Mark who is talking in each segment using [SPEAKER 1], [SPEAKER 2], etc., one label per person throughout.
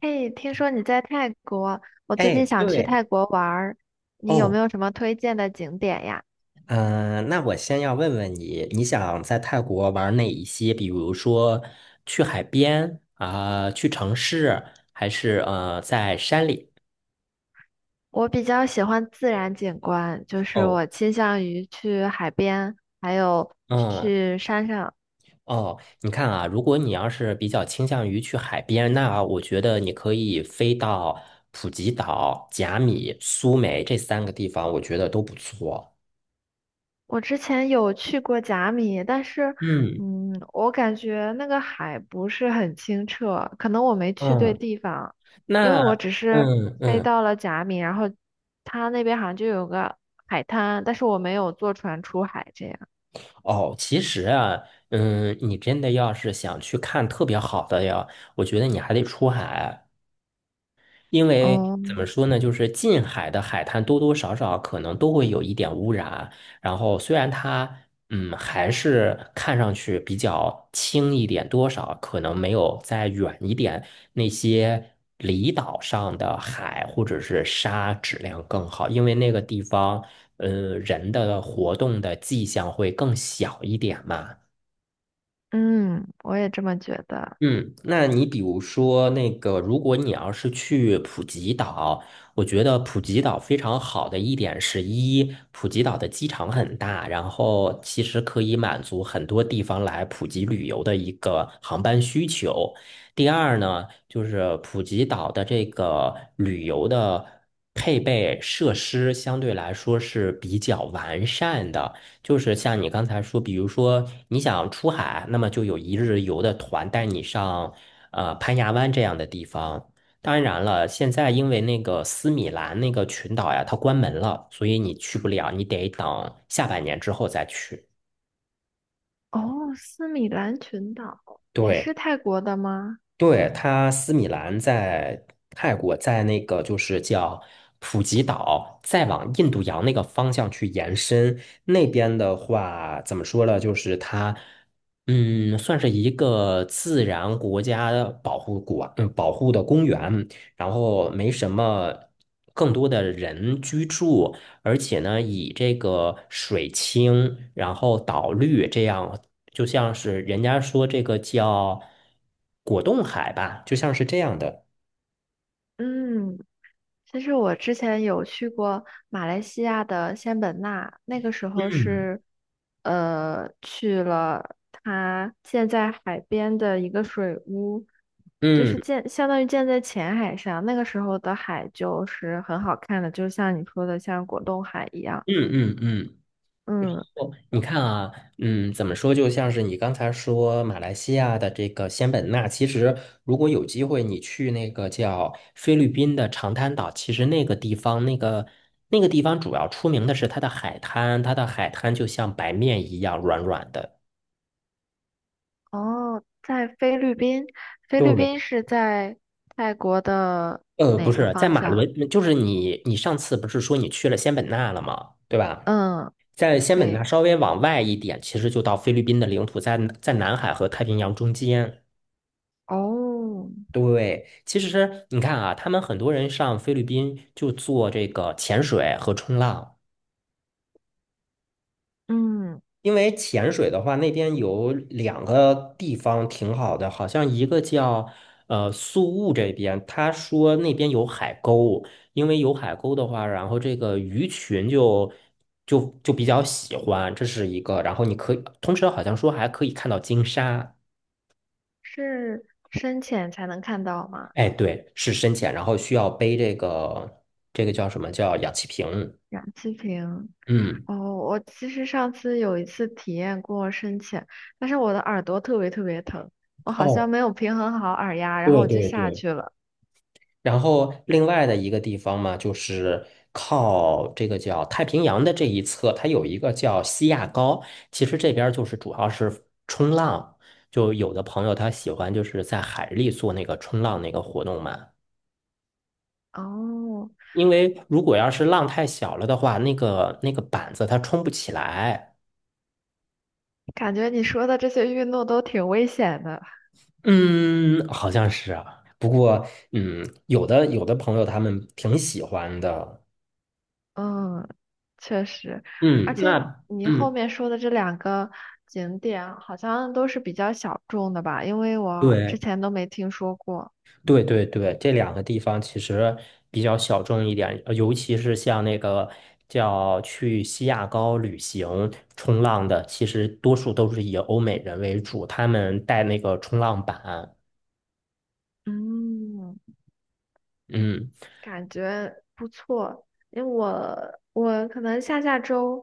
[SPEAKER 1] 哎，听说你在泰国，我最
[SPEAKER 2] 哎，
[SPEAKER 1] 近想去
[SPEAKER 2] 对
[SPEAKER 1] 泰国玩儿，你有没
[SPEAKER 2] 哦，
[SPEAKER 1] 有什么推荐的景点呀？
[SPEAKER 2] 嗯、那我先要问问你，你想在泰国玩哪一些？比如说去海边啊、去城市，还是在山里？
[SPEAKER 1] 我比较喜欢自然景观，就是
[SPEAKER 2] 哦，
[SPEAKER 1] 我倾向于去海边，还有
[SPEAKER 2] 嗯，
[SPEAKER 1] 去山上。
[SPEAKER 2] 哦，你看啊，如果你要是比较倾向于去海边，那我觉得你可以飞到普吉岛、甲米、苏梅这3个地方，我觉得都不错。
[SPEAKER 1] 我之前有去过甲米，但是，
[SPEAKER 2] 嗯
[SPEAKER 1] 我感觉那个海不是很清澈，可能我没去对
[SPEAKER 2] 嗯，
[SPEAKER 1] 地方，因为
[SPEAKER 2] 那
[SPEAKER 1] 我只是
[SPEAKER 2] 嗯
[SPEAKER 1] 飞
[SPEAKER 2] 嗯。
[SPEAKER 1] 到了甲米，然后它那边好像就有个海滩，但是我没有坐船出海这样。
[SPEAKER 2] 哦，其实啊，你真的要是想去看特别好的呀，我觉得你还得出海。因为
[SPEAKER 1] 哦，
[SPEAKER 2] 怎么说呢，就是近海的海滩多多少少可能都会有一点污染，然后虽然它还是看上去比较轻一点，多少可能没有再远一点那些离岛上的海或者是沙质量更好，因为那个地方人的活动的迹象会更小一点嘛。
[SPEAKER 1] 嗯，我也这么觉得。
[SPEAKER 2] 嗯，那你比如说那个，如果你要是去普吉岛，我觉得普吉岛非常好的一点是一，普吉岛的机场很大，然后其实可以满足很多地方来普吉旅游的一个航班需求。第二呢，就是普吉岛的这个旅游的配备设施相对来说是比较完善的。就是像你刚才说，比如说你想出海，那么就有一日游的团带你上攀牙湾这样的地方。当然了，现在因为那个斯米兰那个群岛呀，它关门了，所以你去不了，你得等下半年之后再去。
[SPEAKER 1] 哦，斯米兰群岛也
[SPEAKER 2] 对。
[SPEAKER 1] 是泰国的吗？
[SPEAKER 2] 对，它斯米兰在泰国，在那个就是叫普吉岛，再往印度洋那个方向去延伸。那边的话，怎么说呢？就是它，算是一个自然国家保护国，保护的公园。然后没什么更多的人居住，而且呢，以这个水清，然后岛绿这样，就像是人家说这个叫果冻海吧，就像是这样的。
[SPEAKER 1] 嗯，其实我之前有去过马来西亚的仙本那，那个时候
[SPEAKER 2] 嗯
[SPEAKER 1] 是，去了它建在海边的一个水屋，就是
[SPEAKER 2] 嗯
[SPEAKER 1] 建相当于建在浅海上。那个时候的海就是很好看的，就像你说的，像果冻海一样。
[SPEAKER 2] 嗯嗯嗯，
[SPEAKER 1] 嗯，
[SPEAKER 2] 哦，你看啊，怎么说？就像是你刚才说马来西亚的这个仙本那，其实如果有机会，你去那个叫菲律宾的长滩岛，其实那个地方，那个地方主要出名的是它的海滩，它的海滩就像白面一样软软的。
[SPEAKER 1] 哦，在菲律宾，菲律宾
[SPEAKER 2] 对，
[SPEAKER 1] 是在泰国的
[SPEAKER 2] 不
[SPEAKER 1] 哪个
[SPEAKER 2] 是，在
[SPEAKER 1] 方
[SPEAKER 2] 马
[SPEAKER 1] 向？
[SPEAKER 2] 伦，就是你上次不是说你去了仙本那了吗？对吧？
[SPEAKER 1] 嗯，
[SPEAKER 2] 在仙本那
[SPEAKER 1] 对，
[SPEAKER 2] 稍微往外一点，其实就到菲律宾的领土，在南海和太平洋中间。
[SPEAKER 1] 哦，
[SPEAKER 2] 对，其实你看啊，他们很多人上菲律宾就做这个潜水和冲浪，
[SPEAKER 1] 嗯，
[SPEAKER 2] 因为潜水的话，那边有两个地方挺好的，好像一个叫宿务这边，他说那边有海沟，因为有海沟的话，然后这个鱼群就比较喜欢，这是一个，然后你可以，同时好像说还可以看到鲸鲨，
[SPEAKER 1] 是深潜才能看到吗？
[SPEAKER 2] 哎，对，是深潜，然后需要背这个叫什么叫氧气瓶。
[SPEAKER 1] 氧气瓶。
[SPEAKER 2] 嗯。
[SPEAKER 1] 哦，我其实上次有一次体验过深潜，但是我的耳朵特别特别疼，我好像
[SPEAKER 2] 哦，
[SPEAKER 1] 没有平衡好耳压，然后
[SPEAKER 2] 对
[SPEAKER 1] 我就
[SPEAKER 2] 对
[SPEAKER 1] 下
[SPEAKER 2] 对，
[SPEAKER 1] 去了。
[SPEAKER 2] 然后另外的一个地方嘛，就是靠这个叫太平洋的这一侧，它有一个叫西亚高。其实这边儿就是主要是冲浪，就有的朋友他喜欢就是在海里做那个冲浪那个活动嘛。
[SPEAKER 1] 哦，
[SPEAKER 2] 因为如果要是浪太小了的话，那个板子它冲不起来。
[SPEAKER 1] 感觉你说的这些运动都挺危险的。
[SPEAKER 2] 嗯，好像是啊。不过，有的朋友他们挺喜欢的。
[SPEAKER 1] 嗯，确实，而
[SPEAKER 2] 嗯，
[SPEAKER 1] 且
[SPEAKER 2] 那
[SPEAKER 1] 你后
[SPEAKER 2] 嗯。
[SPEAKER 1] 面说的这两个景点好像都是比较小众的吧，因为我之
[SPEAKER 2] 对。
[SPEAKER 1] 前都没听说过。
[SPEAKER 2] 对对对，这两个地方其实比较小众一点，尤其是像那个叫去西雅高旅行冲浪的，其实多数都是以欧美人为主，他们带那个冲浪板。
[SPEAKER 1] 嗯，
[SPEAKER 2] 嗯
[SPEAKER 1] 感觉不错，因为我可能下下周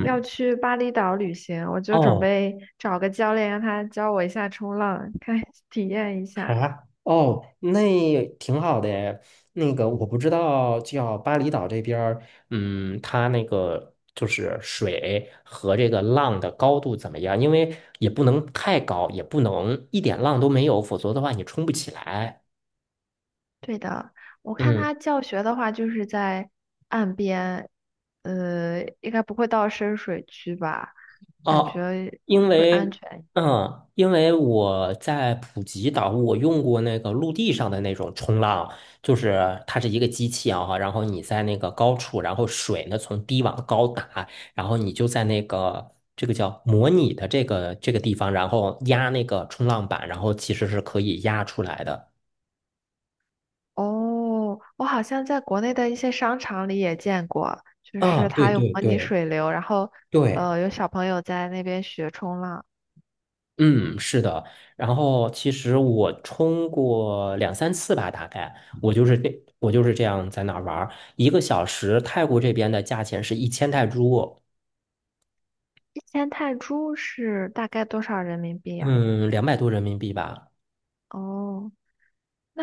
[SPEAKER 1] 要去巴厘岛旅行，我就准
[SPEAKER 2] 哦。
[SPEAKER 1] 备找个教练让他教我一下冲浪，看 体验一下。
[SPEAKER 2] 啊，哦，那也挺好的诶那个我不知道，叫巴厘岛这边儿，它那个就是水和这个浪的高度怎么样？因为也不能太高，也不能一点浪都没有，否则的话你冲不起来。
[SPEAKER 1] 对的，我看
[SPEAKER 2] 嗯。
[SPEAKER 1] 他教学的话，就是在岸边，应该不会到深水区吧？感
[SPEAKER 2] 哦，
[SPEAKER 1] 觉
[SPEAKER 2] 因
[SPEAKER 1] 会安
[SPEAKER 2] 为
[SPEAKER 1] 全。
[SPEAKER 2] 因为我在普吉岛，我用过那个陆地上的那种冲浪，就是它是一个机器啊，然后你在那个高处，然后水呢从低往高打，然后你就在那个这个叫模拟的这个地方，然后压那个冲浪板，然后其实是可以压出来的。
[SPEAKER 1] 哦，我好像在国内的一些商场里也见过，就
[SPEAKER 2] 啊，
[SPEAKER 1] 是
[SPEAKER 2] 对
[SPEAKER 1] 它有
[SPEAKER 2] 对
[SPEAKER 1] 模拟
[SPEAKER 2] 对
[SPEAKER 1] 水流，然后
[SPEAKER 2] 对。
[SPEAKER 1] 有小朋友在那边学冲浪。
[SPEAKER 2] 嗯，是的。然后其实我冲过两三次吧，大概我就是这样在那儿玩儿，1个小时，泰国这边的价钱是1000泰铢，
[SPEAKER 1] 1000泰铢是大概多少人民币呀？
[SPEAKER 2] 嗯，200多人民币吧。
[SPEAKER 1] 哦。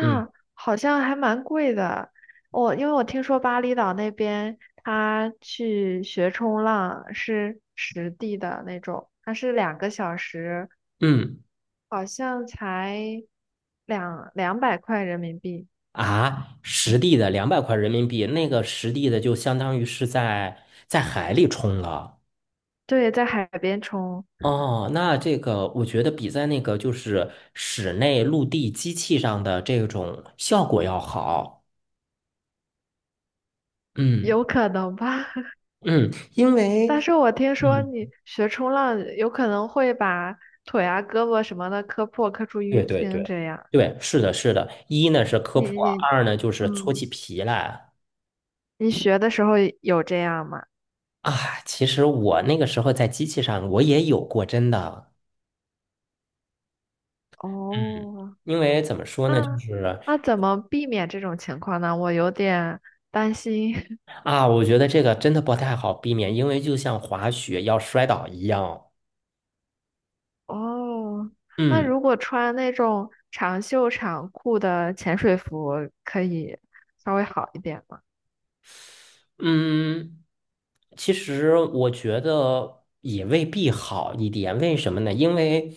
[SPEAKER 2] 嗯
[SPEAKER 1] 好像还蛮贵的。我因为我听说巴厘岛那边，他去学冲浪是实地的那种，它是2个小时，
[SPEAKER 2] 嗯
[SPEAKER 1] 好像才两百块人民币。
[SPEAKER 2] 啊，实地的200块人民币，那个实地的就相当于是在海里冲了。
[SPEAKER 1] 对，在海边冲，
[SPEAKER 2] 哦，那这个我觉得比在那个就是室内陆地机器上的这种效果要好。嗯。
[SPEAKER 1] 有可能吧？
[SPEAKER 2] 嗯因
[SPEAKER 1] 但
[SPEAKER 2] 为
[SPEAKER 1] 是我听说
[SPEAKER 2] 嗯，
[SPEAKER 1] 你学冲浪有可能会把腿啊、胳膊什么的磕破、磕出淤
[SPEAKER 2] 对对
[SPEAKER 1] 青
[SPEAKER 2] 对
[SPEAKER 1] 这样。
[SPEAKER 2] 对，是的，是的。一呢是科
[SPEAKER 1] 你
[SPEAKER 2] 普啊
[SPEAKER 1] 你
[SPEAKER 2] 二呢就是搓
[SPEAKER 1] 嗯，
[SPEAKER 2] 起皮来
[SPEAKER 1] 你学的时候有这样吗？
[SPEAKER 2] 啊。其实我那个时候在机器上我也有过，真的。嗯，
[SPEAKER 1] 哦，
[SPEAKER 2] 因为怎么说呢，就
[SPEAKER 1] 那
[SPEAKER 2] 是
[SPEAKER 1] 那怎么避免这种情况呢？我有点担心。
[SPEAKER 2] 啊，我觉得这个真的不太好避免，因为就像滑雪要摔倒一样。
[SPEAKER 1] 哦，那
[SPEAKER 2] 嗯。
[SPEAKER 1] 如果穿那种长袖长裤的潜水服，可以稍微好一点吗？
[SPEAKER 2] 嗯，其实我觉得也未必好一点，为什么呢？因为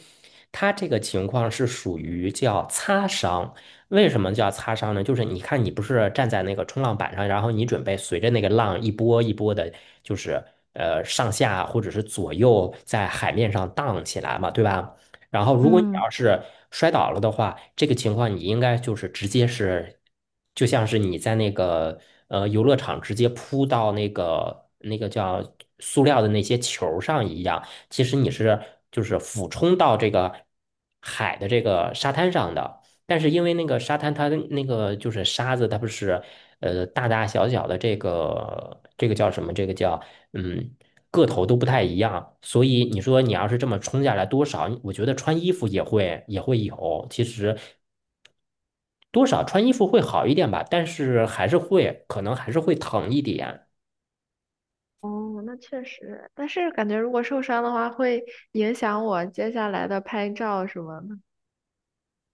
[SPEAKER 2] 他这个情况是属于叫擦伤。为什么叫擦伤呢？就是你看，你不是站在那个冲浪板上，然后你准备随着那个浪一波一波的，就是上下或者是左右在海面上荡起来嘛，对吧？然后，如果你
[SPEAKER 1] 嗯，
[SPEAKER 2] 要是摔倒了的话，这个情况你应该就是直接是，就像是你在那个游乐场直接扑到那个叫塑料的那些球儿上一样，其实你是就是俯冲到这个海的这个沙滩上的。但是因为那个沙滩它的那个就是沙子，它不是大大小小的这个叫什么？这个叫嗯。个头都不太一样，所以你说你要是这么冲下来多少，我觉得穿衣服也会有，其实多少穿衣服会好一点吧，但是还是会可能还是会疼一点。
[SPEAKER 1] 哦，那确实，但是感觉如果受伤的话，会影响我接下来的拍照什么的。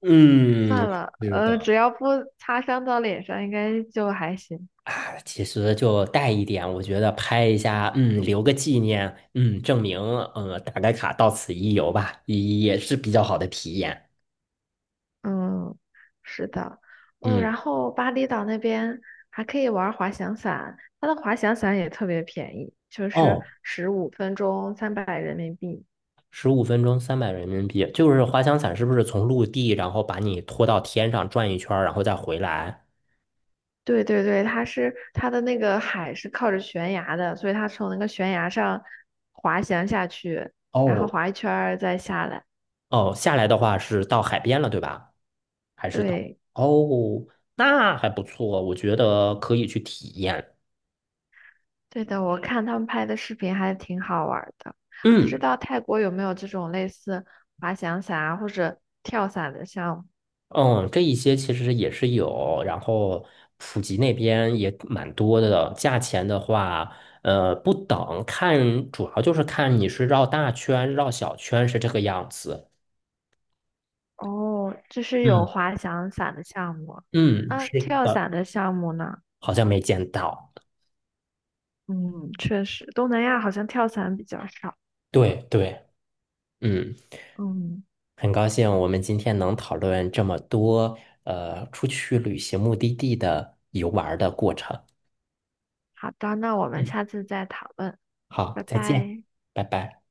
[SPEAKER 2] 嗯，
[SPEAKER 1] 算了，
[SPEAKER 2] 是的
[SPEAKER 1] 只要不擦伤到脸上，应该就还行。
[SPEAKER 2] 啊，其实就带一点，我觉得拍一下，留个纪念，证明，打个卡，到此一游吧，也是比较好的体验。
[SPEAKER 1] 嗯，是的，哦，然
[SPEAKER 2] 嗯，
[SPEAKER 1] 后巴厘岛那边还可以玩滑翔伞，它的滑翔伞也特别便宜，就是
[SPEAKER 2] 哦，
[SPEAKER 1] 15分钟300人民币。
[SPEAKER 2] 15分钟300人民币，就是滑翔伞是不是从陆地，然后把你拖到天上转一圈儿，然后再回来？
[SPEAKER 1] 对对对，它是它的那个海是靠着悬崖的，所以它从那个悬崖上滑翔下去，然后
[SPEAKER 2] 哦
[SPEAKER 1] 滑一圈儿再下来。
[SPEAKER 2] 哦，下来的话是到海边了，对吧？还是到？
[SPEAKER 1] 对
[SPEAKER 2] 哦，那还不错，我觉得可以去体验。
[SPEAKER 1] 对的，我看他们拍的视频还挺好玩儿的。不知
[SPEAKER 2] 嗯
[SPEAKER 1] 道泰国有没有这种类似滑翔伞啊或者跳伞的项目？
[SPEAKER 2] 嗯，这一些其实也是有，然后普吉那边也蛮多的。价钱的话，不等，看主要就是看你是绕大圈、绕小圈是这个样子。
[SPEAKER 1] 哦，这是有
[SPEAKER 2] 嗯。
[SPEAKER 1] 滑翔伞的项目，
[SPEAKER 2] 嗯，
[SPEAKER 1] 啊，
[SPEAKER 2] 是
[SPEAKER 1] 跳
[SPEAKER 2] 的，
[SPEAKER 1] 伞的项目呢？
[SPEAKER 2] 好像没见到。
[SPEAKER 1] 嗯，确实，东南亚好像跳伞比较少。
[SPEAKER 2] 对对，嗯，
[SPEAKER 1] 嗯，
[SPEAKER 2] 很高兴我们今天能讨论这么多，出去旅行目的地的游玩儿的过程。
[SPEAKER 1] 好的，那我们
[SPEAKER 2] 嗯，
[SPEAKER 1] 下次再讨论，
[SPEAKER 2] 好，
[SPEAKER 1] 拜
[SPEAKER 2] 再见，
[SPEAKER 1] 拜。
[SPEAKER 2] 拜拜。